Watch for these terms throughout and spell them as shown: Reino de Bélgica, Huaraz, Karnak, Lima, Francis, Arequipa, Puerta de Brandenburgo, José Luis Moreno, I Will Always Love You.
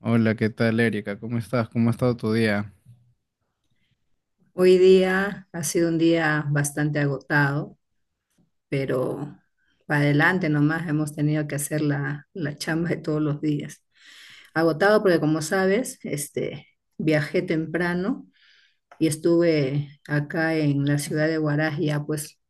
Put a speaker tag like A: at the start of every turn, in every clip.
A: Hola, ¿qué tal, Erika? ¿Cómo estás? ¿Cómo ha estado tu día?
B: Hoy día ha sido un día bastante agotado, pero para adelante nomás hemos tenido que hacer la chamba de todos los días. Agotado porque como sabes, este, viajé temprano y estuve acá en la ciudad de Huaraz ya pues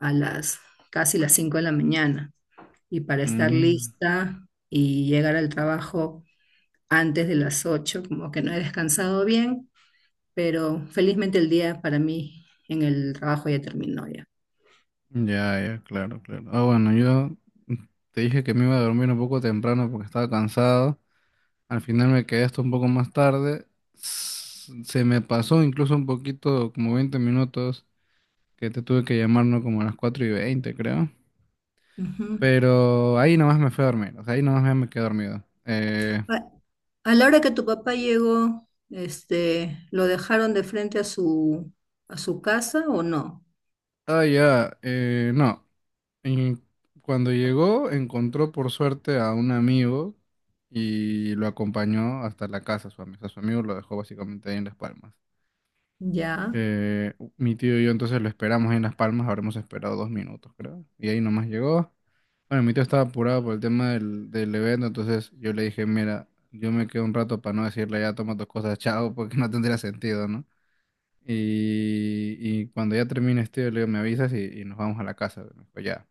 B: a las casi las 5 de la mañana, y para estar
A: Mm,
B: lista y llegar al trabajo antes de las 8 como que no he descansado bien, pero felizmente el día para mí en el trabajo ya terminó ya.
A: ya, ya, claro, claro. Ah, bueno, yo te dije que me iba a dormir un poco temprano porque estaba cansado. Al final me quedé hasta un poco más tarde. Se me pasó incluso un poquito, como 20 minutos, que te tuve que llamar, ¿no? Como a las 4:20, creo.
B: Ujú.
A: Pero ahí nomás me fui a dormir, o sea, ahí nomás me quedé dormido. Eh,
B: A, a la hora que tu papá llegó, este, ¿lo dejaron de frente a su casa o no?
A: ah, ya, no. Y cuando llegó, encontró por suerte a un amigo y lo acompañó hasta la casa, su amigo. Su amigo lo dejó básicamente ahí en Las Palmas.
B: Ya.
A: Mi tío y yo entonces lo esperamos ahí en Las Palmas, habremos esperado 2 minutos, creo. Y ahí nomás llegó. Bueno, mi tío estaba apurado por el tema del evento, entonces yo le dije, mira, yo me quedo un rato para no decirle ya toma tus cosas, chao, porque no tendría sentido, ¿no? Y cuando ya termines, tío, le digo, me avisas y nos vamos a la casa. Me dijo, ya.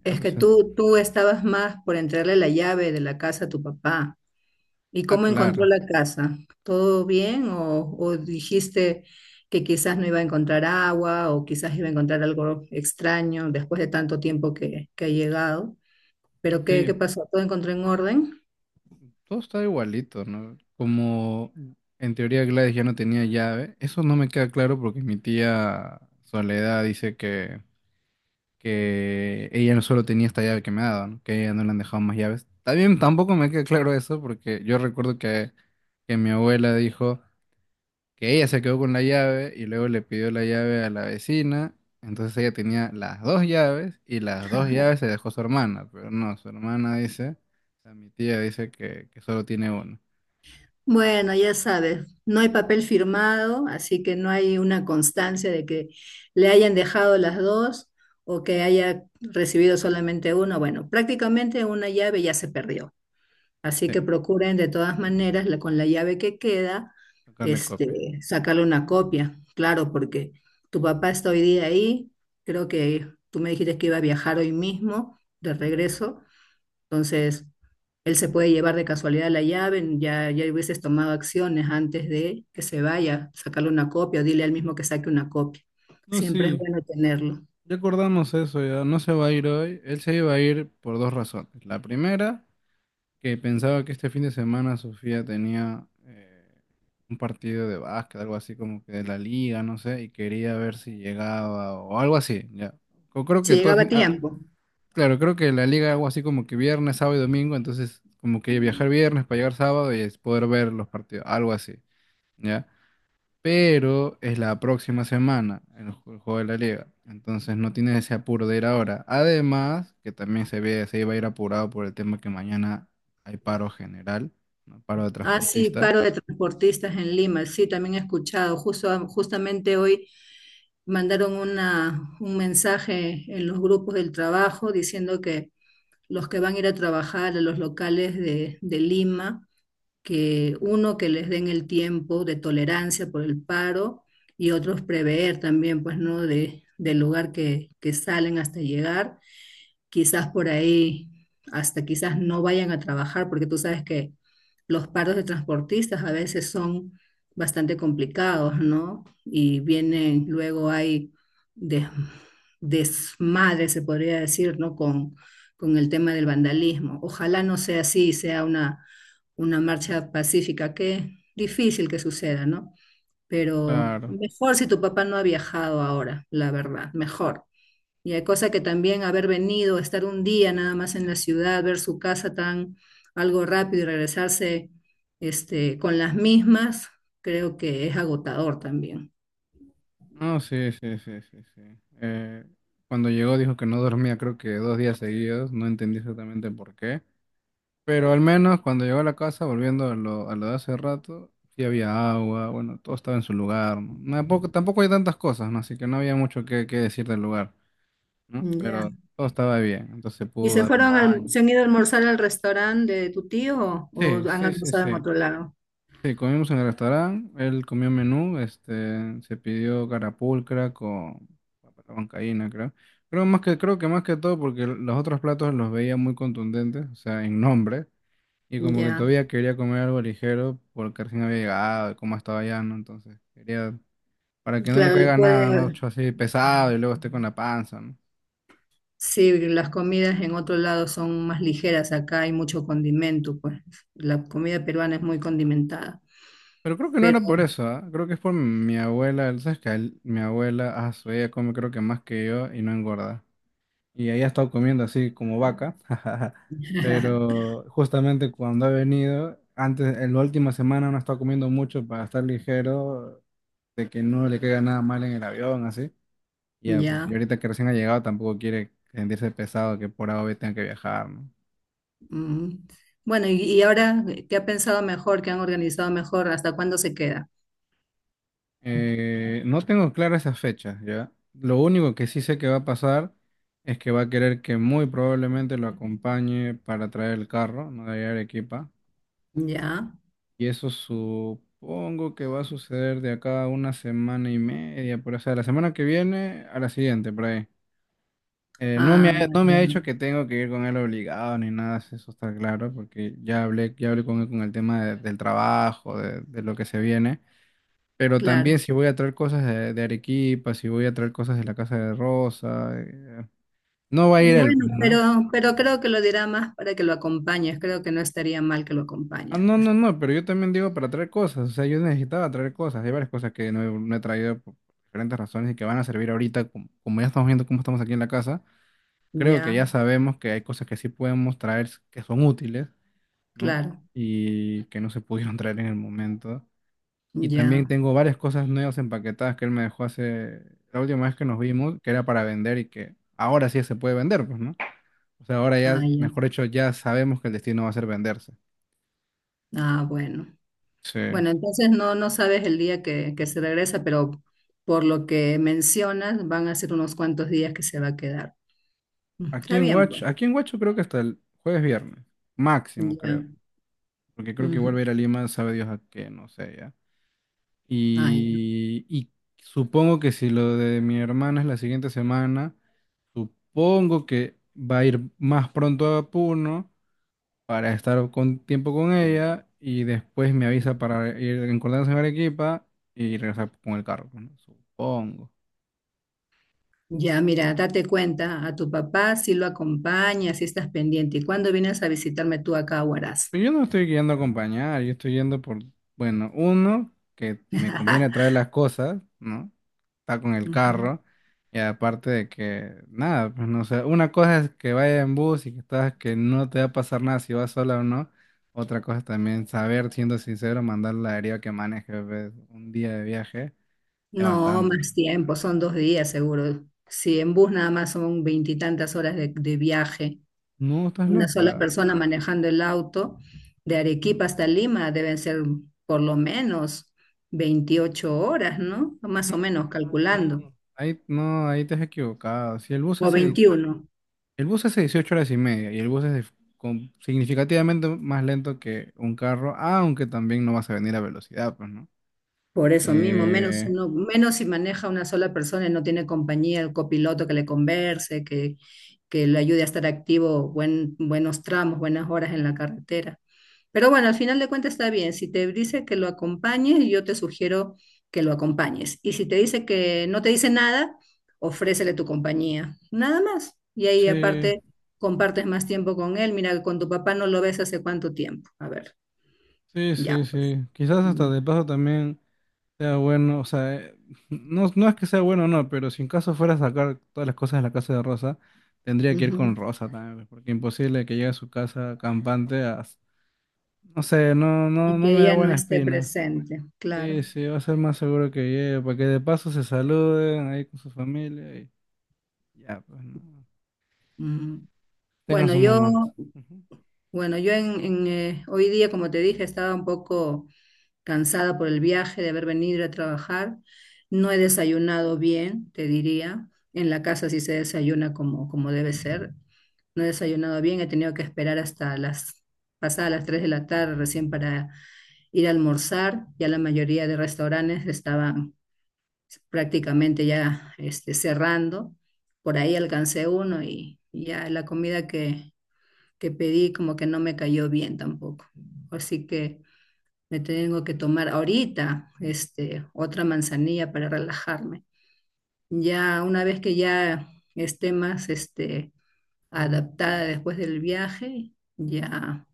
A: Ya,
B: Es que
A: pues.
B: tú estabas más por entregarle la llave de la casa a tu papá. ¿Y
A: Ah,
B: cómo encontró
A: claro.
B: la casa? ¿Todo bien? O dijiste que quizás no iba a encontrar agua o quizás iba a encontrar algo extraño después de tanto tiempo que ha llegado? ¿Pero qué, qué
A: Sí,
B: pasó? ¿Todo encontró en orden?
A: todo está igualito, ¿no? Como en teoría Gladys ya no tenía llave, eso no me queda claro porque mi tía Soledad dice que ella no solo tenía esta llave que me ha dado, ¿no? Que a ella no le han dejado más llaves. También tampoco me queda claro eso porque yo recuerdo que mi abuela dijo que ella se quedó con la llave y luego le pidió la llave a la vecina. Entonces ella tenía las dos llaves y las dos llaves se dejó su hermana, pero no, su hermana dice, o sea, mi tía dice que solo tiene una.
B: Bueno, ya sabes, no hay papel firmado, así que no hay una constancia de que le hayan dejado las dos o que haya recibido solamente uno. Bueno, prácticamente una llave ya se perdió, así
A: Sí,
B: que procuren de todas maneras la- con la llave que queda,
A: sacarle copia.
B: este, sacarle una copia, claro, porque tu papá está hoy día ahí, creo que tú me dijiste que iba a viajar hoy mismo de regreso. Entonces, él se puede llevar de casualidad la llave, ya, ya hubieses tomado acciones antes de que se vaya, sacarle una copia o dile al mismo que saque una copia.
A: No,
B: Siempre es
A: sí,
B: bueno tenerlo.
A: ya acordamos eso, ya no se va a ir hoy. Él se iba a ir por dos razones. La primera que pensaba que este fin de semana Sofía tenía un partido de básquet, algo así como que de la liga, no sé, y quería ver si llegaba o algo así, ya. Creo
B: Si
A: que todo,
B: llegaba a
A: ah,
B: tiempo.
A: claro, creo que la liga algo así como que viernes, sábado y domingo, entonces como que viajar viernes para llegar sábado y es poder ver los partidos, algo así, ya pero es la próxima semana el juego de la liga. Entonces no tienes ese apuro de ir ahora. Además, que también se ve, se iba a ir apurado por el tema que mañana hay paro general, ¿no? Paro de
B: Ah, sí,
A: transportistas.
B: paro de transportistas en Lima. Sí, también he escuchado. Justo, justamente hoy mandaron una, un mensaje en los grupos del trabajo diciendo que los que van a ir a trabajar a los locales de Lima, que uno, que les den el tiempo de tolerancia por el paro, y otros prever también, pues, ¿no? De, del lugar que salen hasta llegar, quizás por ahí, hasta quizás no vayan a trabajar, porque tú sabes que los paros de transportistas a veces son bastante complicados, ¿no? Y vienen, luego hay des- desmadre, se podría decir, ¿no? Con el tema del vandalismo. Ojalá no sea así, sea una marcha pacífica, que difícil que suceda, ¿no? Pero
A: Claro.
B: mejor si tu papá no ha viajado ahora, la verdad, mejor. Y hay cosa que también haber venido, estar un día nada más en la ciudad, ver su casa tan algo rápido y regresarse este, con las mismas, creo que es agotador también.
A: No, sí, sí, sí, sí, sí. Eh, cuando llegó dijo que no dormía, creo que 2 días seguidos. No entendí exactamente por qué. Pero al menos cuando llegó a la casa, volviendo a lo de hace rato, sí había agua, bueno, todo estaba en su lugar, ¿no? No, tampoco, tampoco hay tantas cosas, ¿no? Así que no había mucho que decir del lugar, ¿no?
B: Ya.
A: Pero todo estaba bien, entonces se
B: ¿Y
A: pudo
B: se
A: dar un
B: fueron, al-
A: baño.
B: se han ido a almorzar al restaurante de tu tío
A: Sí,
B: o han
A: sí, sí,
B: almorzado en
A: sí.
B: otro lado?
A: Sí, comimos en el restaurante, él comió menú, se pidió carapulcra con bancaína, creo. Creo que más que todo porque los otros platos los veía muy contundentes, o sea, en nombre. Y como que
B: Ya.
A: todavía quería comer algo ligero porque recién había llegado y como estaba ya, ¿no? Entonces, quería, para que no le
B: Claro, le
A: caiga nada, ¿no?
B: puede,
A: Así pesado y luego esté con la panza, ¿no?
B: sí, las comidas en otro lado son más ligeras, acá hay mucho condimento, pues la comida peruana es muy condimentada,
A: Pero creo que no
B: pero
A: era por eso, ¿ah? Creo que es por mi abuela, ¿sabes qué? Mi abuela, ella come creo que más que yo y no engorda. Y ella ha estado comiendo así como vaca, pero justamente cuando ha venido, antes, en la última semana no ha estado comiendo mucho para estar ligero, de que no le caiga nada mal en el avión, así. Ya, pues, y
B: ya.
A: ahorita que recién ha llegado tampoco quiere sentirse pesado que por A o B tenga que viajar, ¿no?
B: Mm. Bueno, y ahora, ¿qué ha pensado mejor? ¿Qué han organizado mejor? ¿Hasta cuándo se queda?
A: No tengo claras esas fechas, ¿ya? Lo único que sí sé que va a pasar es que va a querer que muy probablemente lo acompañe para traer el carro, ¿no? De allá a Arequipa.
B: Ya.
A: Y eso supongo que va a suceder de acá a una semana y media, por ahí. O sea, la semana que viene a la siguiente, por ahí. Eh, no me
B: Ah,
A: ha, no me
B: ya,
A: ha dicho que tengo que ir con él obligado ni nada, si eso está claro, porque ya hablé con él con el tema del trabajo, de lo que se viene. Pero
B: claro.
A: también si voy a traer cosas de Arequipa, si voy a traer cosas de la casa de Rosa, no va a ir él,
B: Bueno,
A: pues, ¿no?
B: pero creo que lo dirá más para que lo acompañes, creo que no estaría mal que lo
A: Ah,
B: acompañes,
A: no,
B: pues.
A: no, no, pero yo también digo para traer cosas, o sea, yo necesitaba traer cosas, hay varias cosas que no he traído por diferentes razones y que van a servir ahorita, como ya estamos viendo cómo estamos aquí en la casa, creo que ya
B: Ya,
A: sabemos que hay cosas que sí podemos traer que son útiles, ¿no?
B: claro,
A: Y que no se pudieron traer en el momento. Y también
B: ya.
A: tengo varias cosas nuevas empaquetadas que él me dejó hace la última vez que nos vimos, que era para vender y que ahora sí se puede vender, pues, ¿no? O sea, ahora
B: Ah,
A: ya,
B: ya.
A: mejor dicho, ya sabemos que el destino va a ser venderse.
B: Ah, bueno.
A: Sí.
B: Bueno, entonces no, no sabes el día que se regresa, pero por lo que mencionas, van a ser unos cuantos días que se va a quedar. Mm.
A: Aquí
B: Está
A: en
B: bien,
A: Watch,
B: pues.
A: aquí en Huacho creo que hasta el jueves viernes, máximo creo,
B: Ya.
A: porque creo que
B: Ujú.
A: vuelve a ir a Lima, sabe Dios a qué, no sé ya.
B: Ah, ya.
A: Y supongo que si lo de mi hermana es la siguiente semana, supongo que va a ir más pronto a Puno para estar con tiempo con ella y después me avisa para ir en Cordanza en Arequipa y regresar con el carro, pues, ¿no? Supongo.
B: Ya, mira, date cuenta, a tu papá si lo acompañas, si estás pendiente. ¿Y cuándo vienes a visitarme tú acá a Huaraz?
A: Pero yo no estoy yendo a acompañar, yo estoy yendo por, bueno, uno, que me conviene traer las cosas, ¿no? Está con el
B: Ujú.
A: carro, y aparte de que, nada, pues no sé, una cosa es que vaya en bus y que estás, que no te va a pasar nada si vas sola o no. Otra cosa es también saber, siendo sincero, mandar la deriva que maneje, pues, un día de viaje es
B: No,
A: bastante.
B: más tiempo, son dos días seguro. Si en bus nada más son veintitantas horas de viaje
A: No, estás
B: una sola
A: loca.
B: persona manejando el auto, de Arequipa hasta Lima deben ser por lo menos 28 horas, ¿no? Más
A: No,
B: o menos
A: no,
B: calculando,
A: no. Ahí, no, ahí te has equivocado. Si el bus
B: o
A: hace
B: 21.
A: El bus hace 18 horas y media y el bus es significativamente más lento que un carro, aunque también no vas a venir a velocidad, pues, ¿no?
B: Por eso mismo, menos
A: Eh,
B: uno, menos si maneja una sola persona y no tiene compañía, el copiloto que le converse, que le ayude a estar activo buen, buenos tramos, buenas horas en la carretera. Pero bueno, al final de cuentas está bien. Si te dice que lo acompañes, yo te sugiero que lo acompañes. Y si te dice que no te dice nada, ofrécele tu compañía. Nada más. Y ahí
A: sí,
B: aparte compartes más tiempo con él. Mira, con tu papá no lo ves hace cuánto tiempo. A ver,
A: sí, sí,
B: ya pues.
A: sí. Quizás hasta
B: Mm.
A: de paso también sea bueno, o sea, no, no es que sea bueno o no, pero si en caso fuera a sacar todas las cosas de la casa de Rosa, tendría que ir con
B: Ujú.
A: Rosa también, pues, porque imposible que llegue a su casa campante a. No sé, no, no,
B: Y
A: no
B: que
A: me da
B: ella no
A: buena
B: esté
A: espina.
B: presente,
A: Sí,
B: claro.
A: sí, va a ser más seguro que llegue, para que de paso se saluden ahí con su familia y ya, pues no.
B: Mm.
A: Tengan
B: Bueno,
A: su momento.
B: yo,
A: Ujú.
B: bueno, yo en, hoy día, como te dije, estaba un poco cansada por el viaje, de haber venido a trabajar. No he desayunado bien, te diría. En la casa sí se desayuna como, como debe ser. No he desayunado bien, he tenido que esperar hasta las pasadas las 3 de la tarde recién para ir a almorzar. Ya la mayoría de restaurantes estaban prácticamente ya este, cerrando. Por ahí alcancé uno y ya la comida que pedí como que no me cayó bien tampoco. Así que me tengo que tomar ahorita este, otra manzanilla para relajarme. Ya una vez que ya esté más este, adaptada después del viaje, ya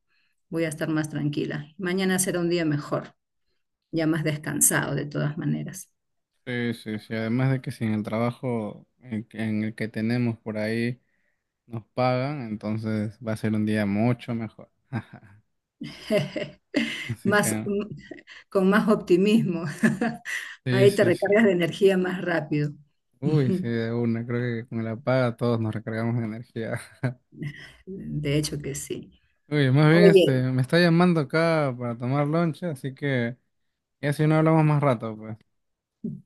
B: voy a estar más tranquila. Mañana será un día mejor, ya más descansado de todas maneras.
A: Sí, sí, sí, además de que si en el trabajo en el que tenemos por ahí nos pagan, entonces va a ser un día mucho mejor. Así
B: Más,
A: que,
B: mm, con más optimismo.
A: sí,
B: Ahí te
A: sí, sí.
B: recargas de energía más rápido.
A: Uy, sí, de una, creo que con la paga todos nos recargamos de energía.
B: De hecho que sí.
A: Uy, más bien,
B: Oye,
A: me está llamando acá para tomar lonche, así que ya si no hablamos más rato, pues.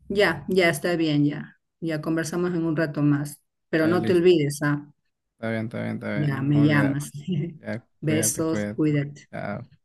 B: ya, ya está bien, ya. Ya conversamos en un rato más. Pero
A: Ya
B: no te
A: listo.
B: olvides, ¿ah?
A: Está bien, está bien, está bien. No
B: Ya
A: me
B: me
A: voy a olvidar.
B: llamas.
A: Ya, cuídate,
B: Besos,
A: cuídate.
B: cuídate.
A: Chao.